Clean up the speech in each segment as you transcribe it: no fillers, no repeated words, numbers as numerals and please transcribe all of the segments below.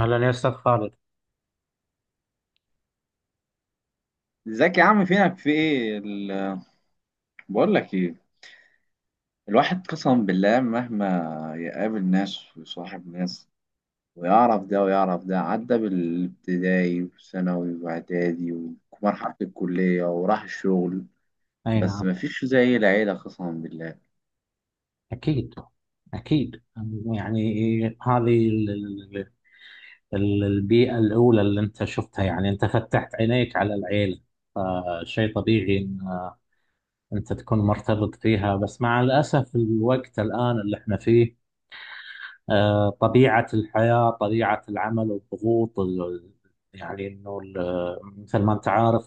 هلا يا أستاذ خالد. ازيك يا عم؟ فينك؟ في ايه بقول لك ايه. الواحد قسما بالله مهما يقابل ناس ويصاحب ناس ويعرف ده ويعرف ده، عدى بالابتدائي وثانوي واعدادي ومرحلة الكلية وراح الشغل، أي بس نعم. مفيش زي العيلة قسما بالله. أكيد. أكيد. يعني هذه البيئة الأولى اللي أنت شفتها، يعني أنت فتحت عينيك على العيلة، فشيء طبيعي أن أنت تكون مرتبط فيها، بس مع الأسف الوقت الآن اللي احنا فيه، طبيعة الحياة، طبيعة العمل والضغوط يعني مثل ما أنت عارف،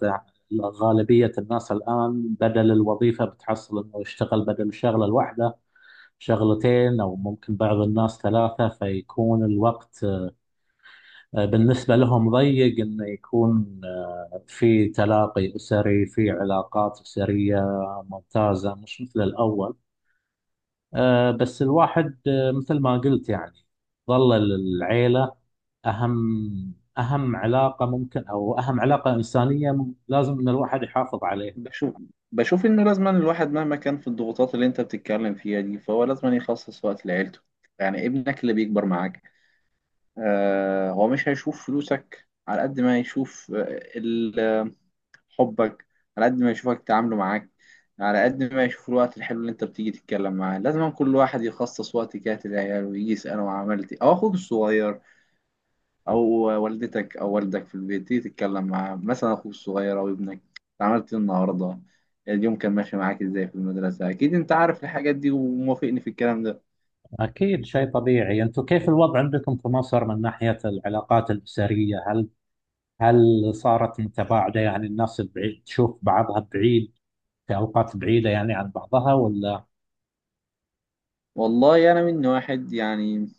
غالبية الناس الآن بدل الوظيفة بتحصل أنه يشتغل بدل الشغلة الواحدة شغلتين، أو ممكن بعض الناس ثلاثة، فيكون الوقت بالنسبة لهم ضيق إنه يكون في تلاقي أسري، في علاقات أسرية ممتازة، مش مثل الأول. بس الواحد، مثل ما قلت يعني، ظل العيلة أهم علاقة ممكن، أو أهم علاقة إنسانية لازم إن الواحد يحافظ عليها. بشوف بشوف انه لازما الواحد مهما كان في الضغوطات اللي انت بتتكلم فيها دي، فهو لازما يخصص وقت لعيلته. يعني ابنك اللي بيكبر معاك، آه هو مش هيشوف فلوسك على قد ما هيشوف آه، ال حبك، على قد ما يشوفك تعامله معاك، على قد ما يشوف الوقت الحلو اللي انت بتيجي تتكلم معاه. لازم كل واحد يخصص وقت كده للعيال، ويجي يسأله عملت ايه، او اخوك الصغير او والدتك او والدك في البيت تيجي تتكلم معاه. مثلا اخوك الصغير او ابنك، عملت ايه النهارده، اليوم كان ماشي معاك ازاي في المدرسة. اكيد انت عارف الحاجات دي وموافقني في الكلام ده. أكيد، شيء طبيعي. أنتم كيف الوضع عندكم في مصر من ناحية العلاقات الأسرية؟ هل صارت متباعدة؟ يعني الناس البعيد تشوف بعضها بعيد، في أوقات بعيدة يعني عن بعضها، ولا؟ والله انا من واحد، يعني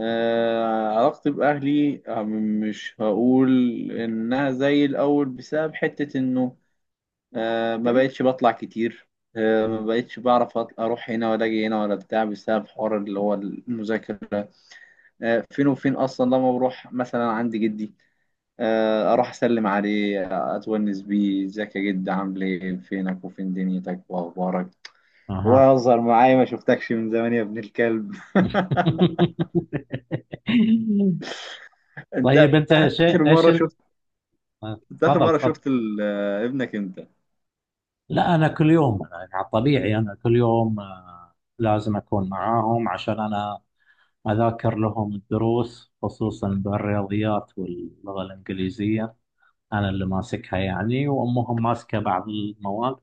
علاقتي بأهلي مش هقول إنها زي الأول، بسبب حتة إنه ما بقتش بطلع كتير، ما بقتش بعرف اروح هنا ولا اجي هنا ولا بتاع، بسبب حوار اللي هو المذاكره. فين وفين اصلا. لما بروح مثلا عند جدي، اروح اسلم عليه، اتونس بيه. ازيك يا جد، عامل ايه، فينك وفين دنيتك واخبارك، أها. واظهر معايا، ما شفتكش من زمان يا ابن الكلب. طيب، انت أنت اخر شيء إيش مره شفت، انت اخر تفضل، مره تفضل. شفت ابنك امتى؟ لا، أنا كل يوم، أنا يعني على الطبيعي أنا كل يوم لازم أكون معاهم، عشان أنا أذاكر لهم الدروس، خصوصا بالرياضيات واللغة الإنجليزية، أنا اللي ماسكها يعني، وأمهم ماسكة بعض المواد.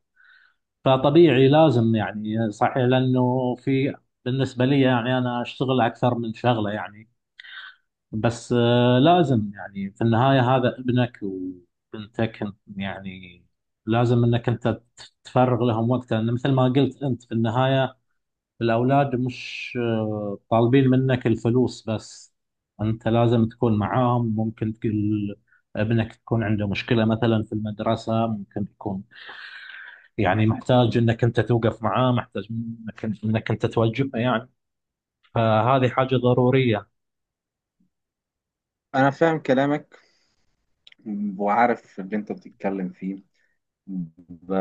فطبيعي لازم، يعني صحيح لانه في، بالنسبه لي يعني انا اشتغل اكثر من شغله، يعني بس لازم، يعني في النهايه هذا ابنك وبنتك انت، يعني لازم انك انت تفرغ لهم وقت، لان مثل ما قلت انت في النهايه الاولاد مش طالبين منك الفلوس بس، انت لازم تكون معاهم. ممكن تقول ابنك تكون عنده مشكله مثلا في المدرسه، ممكن يكون يعني محتاج انك انت توقف معاه، محتاج انك انت توجهه يعني، فهذه حاجة ضرورية. انا فاهم كلامك وعارف اللي انت بتتكلم فيه. ب...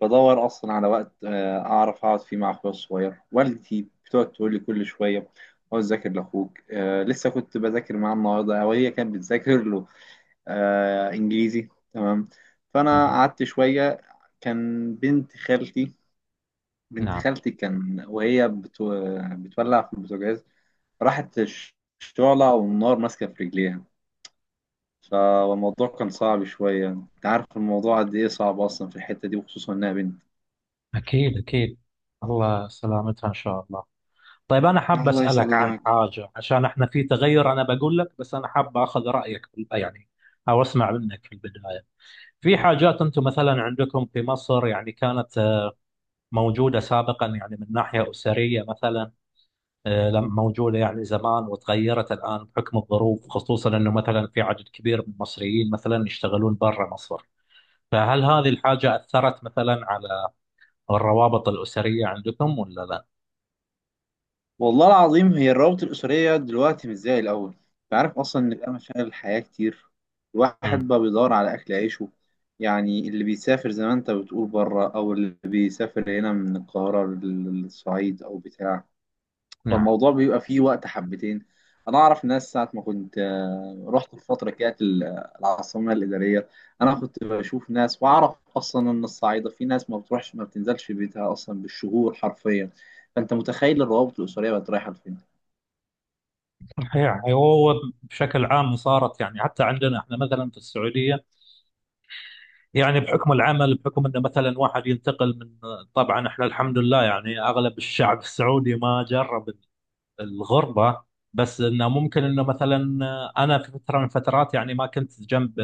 بدور اصلا على وقت اعرف اقعد فيه مع اخويا الصغير. والدتي بتقعد تقول لي كل شويه، اقعد ذاكر لاخوك. لسه كنت بذاكر معاه النهارده، او هي كانت بتذاكر له انجليزي، تمام. فانا أها. قعدت شويه. كان بنت خالتي، بنت نعم. خالتي كان وهي بتولع في البوتاجاز، راحت الشعلة والنار ماسكة في رجليها. فالموضوع كان صعب شوية، انت عارف الموضوع قد ايه صعب اصلا في الحتة دي، وخصوصا انها بنت. اكيد. اكيد. الله سلامتها ان شاء الله. طيب انا حاب اسالك عن حاجة، عشان احنا في تغير، انا بقول لك، بس انا حاب اخذ رايك يعني، او اسمع منك في البداية. في حاجات انتم مثلا عندكم في مصر، يعني كانت موجودة سابقا، يعني من ناحية أسرية مثلا، موجودة يعني زمان وتغيرت الآن بحكم الظروف، خصوصا أنه مثلا في عدد كبير من المصريين مثلا يشتغلون برا مصر، فهل هذه الحاجة أثرت مثلا على الروابط الأسرية عندكم ولا لا؟ والله العظيم هي الروابط الأسرية دلوقتي مش زي الأول. انت عارف اصلا ان بقى مشاغل الحياة كتير، الواحد مم. بقى بيدور على أكل عيشه. يعني اللي بيسافر زي ما انت بتقول بره، او اللي بيسافر هنا من القاهرة للصعيد او بتاع، نعم. فالموضوع بيبقى فيه وقت حبتين. انا اعرف ناس ساعه ما كنت رحت في فتره، كانت العاصمه الاداريه، انا كنت بشوف ناس واعرف اصلا ان الصعيده في ناس ما بتروحش، ما بتنزلش بيتها اصلا بالشهور حرفيا. فانت متخيل الروابط الاسريه بقت رايحه لفين. صحيح، هو بشكل عام صارت، يعني حتى عندنا احنا مثلا في السعوديه، يعني بحكم العمل، بحكم انه مثلا واحد ينتقل من، طبعا احنا الحمد لله يعني اغلب الشعب السعودي ما جرب الغربة، بس انه ممكن انه مثلا، انا في فترة من الفترات يعني ما كنت جنب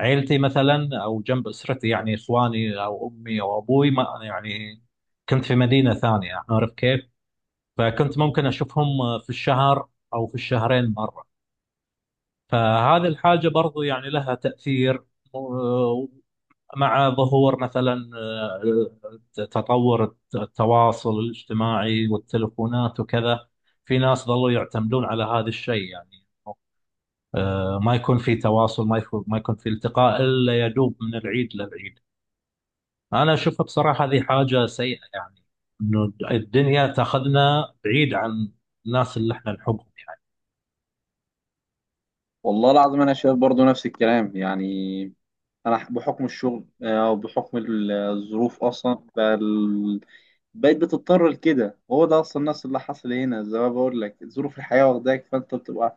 عيلتي مثلا، او جنب اسرتي، يعني اخواني او امي او ابوي، ما يعني كنت في مدينة ثانية، عارف كيف؟ فكنت ممكن اشوفهم في الشهر او في الشهرين مرة. فهذه الحاجة برضو يعني لها تأثير، مع ظهور مثلا، تطور التواصل الاجتماعي والتلفونات وكذا، في ناس ظلوا يعتمدون على هذا الشيء، يعني ما يكون في تواصل، ما يكون في التقاء الا يدوب من العيد للعيد. انا اشوفها بصراحه هذه حاجه سيئه، يعني انه الدنيا تاخذنا بعيد عن الناس اللي احنا نحبهم. والله العظيم انا شايف برضو نفس الكلام يعني. انا بحكم الشغل وبحكم الظروف اصلا بقيت بتضطر لكده. هو ده اصلا الناس اللي حصل، هنا زي ما بقول لك ظروف الحياه واخداك، فانت بتبقى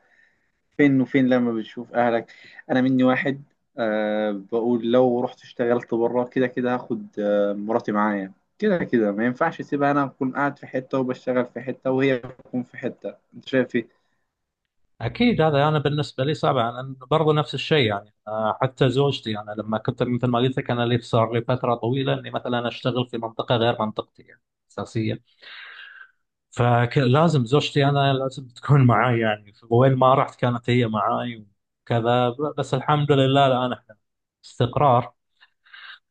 فين وفين لما بتشوف أهلك. أنا مني واحد، أه بقول لو رحت اشتغلت بره، كده كده هاخد مراتي معايا. كده كده ما ينفعش اسيبها، أنا أكون قاعد في حتة وبشتغل في حتة وهي تكون في حتة. أنت شايف إيه؟ اكيد، هذا انا بالنسبه لي صعب، لان برضو نفس الشيء يعني. حتى زوجتي، انا لما كنت مثل ما قلت لك، انا لي صار لي فتره طويله اني مثلا اشتغل في منطقه غير منطقتي، يعني اساسيه، فلازم زوجتي، انا لازم تكون معاي، يعني وين ما رحت كانت هي معاي، وكذا بس الحمد لله الان احنا استقرار.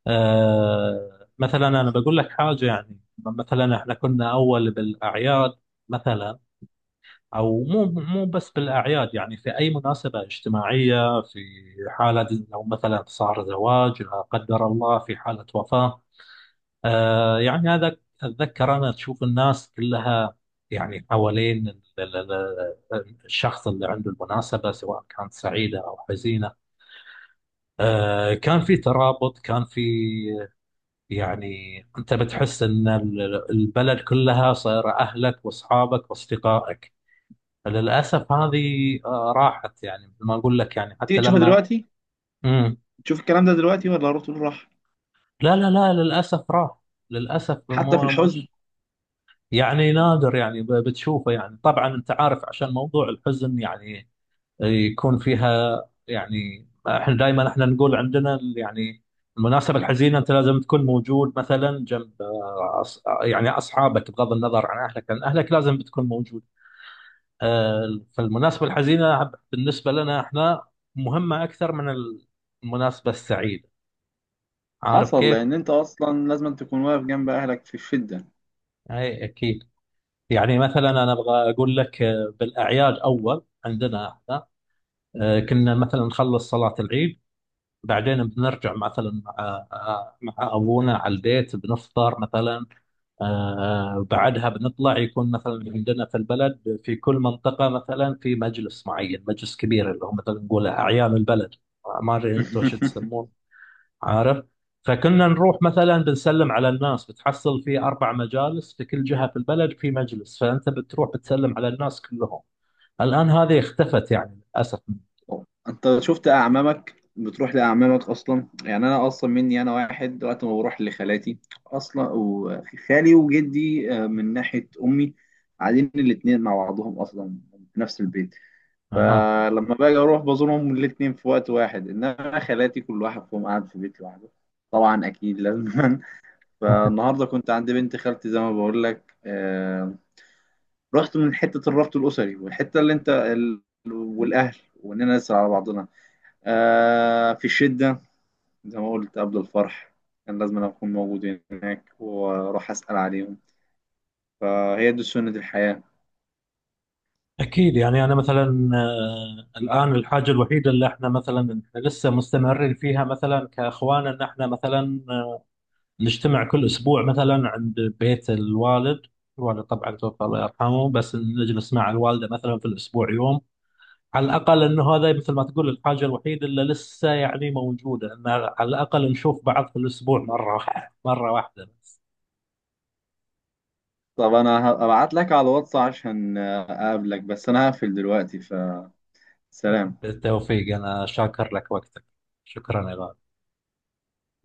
مثلا انا بقول لك حاجه، يعني مثلا احنا كنا اول بالاعياد مثلا، او مو بس بالاعياد، يعني في اي مناسبه اجتماعيه، في حاله لو مثلا صار زواج، لا قدر الله في حاله وفاه، آه يعني هذا، اتذكر انا، تشوف الناس كلها يعني حوالين الشخص اللي عنده المناسبه، سواء كانت سعيده او حزينه، كان في ترابط، كان في، يعني انت بتحس ان البلد كلها صايره اهلك واصحابك واصدقائك. للأسف هذه راحت، يعني مثل ما أقول لك، يعني حتى تيجي تشوفها لما... دلوقتي، مم. تشوف الكلام ده دلوقتي، ولا روح تقول راح. لا، لا، لا، للأسف راح. للأسف، حتى في مو، الحزن مش يعني نادر، يعني بتشوفه. يعني طبعا أنت عارف، عشان موضوع الحزن، يعني يكون فيها، يعني احنا دائما احنا نقول عندنا يعني المناسبة الحزينة أنت لازم تكون موجود، مثلا جنب يعني أصحابك، بغض النظر عن أهلك، لأن أهلك لازم بتكون موجود. فالمناسبة الحزينة بالنسبة لنا احنا مهمة أكثر من المناسبة السعيدة، عارف حصل. كيف؟ لأن أنت أصلا لازم تكون واقف جنب أهلك في الشدة. أي أكيد. يعني مثلا أنا أبغى أقول لك، بالأعياد أول عندنا احنا كنا مثلا نخلص صلاة العيد، بعدين بنرجع مثلا مع مع أبونا على البيت، بنفطر مثلا، بعدها بنطلع، يكون مثلا عندنا في البلد، في كل منطقة مثلا في مجلس معين، مجلس كبير اللي هو مثلا نقول أعيان البلد، ما أدري أنتم شو تسمون. عارف، فكنا نروح مثلا بنسلم على الناس، بتحصل في أربع مجالس، في كل جهة في البلد في مجلس، فأنت بتروح بتسلم على الناس كلهم. الآن هذه اختفت، يعني للأسف. انت شفت اعمامك بتروح لاعمامك اصلا؟ يعني انا اصلا مني انا واحد، وقت ما بروح لخالاتي اصلا، وخالي وجدي من ناحيه امي قاعدين الاثنين مع بعضهم اصلا في نفس البيت. أها. فلما باجي اروح بزورهم الاثنين في وقت واحد. انما خالاتي كل واحد فيهم قاعد في بيت لوحده، طبعا اكيد لازم. فالنهارده كنت عند بنت خالتي، زي ما بقول لك. رحت من حته الربط الاسري، والحته اللي انت والاهل، واننا نسأل على بعضنا آه في الشدة. زي ما قلت، قبل الفرح كان لازم أنا أكون موجود هناك وأروح أسأل عليهم. فهي دي سنة الحياة. أكيد، يعني أنا مثلا الآن الحاجة الوحيدة اللي احنا مثلا احنا لسه مستمرين فيها مثلا كأخوان، إن احنا مثلا نجتمع كل أسبوع مثلا عند بيت الوالد. الوالد طبعا توفى الله يرحمه، بس نجلس مع الوالدة مثلا في الأسبوع يوم على الأقل، أنه هذا مثل ما تقول الحاجة الوحيدة اللي لسه يعني موجودة، أن على الأقل نشوف بعض في الأسبوع مرة واحدة، مرة واحدة. طب أنا هبعت لك على الواتس عشان أقابلك، بس أنا هقفل دلوقتي، فسلام. بالتوفيق، أنا شاكر لك وقتك. شكرا يا غالي.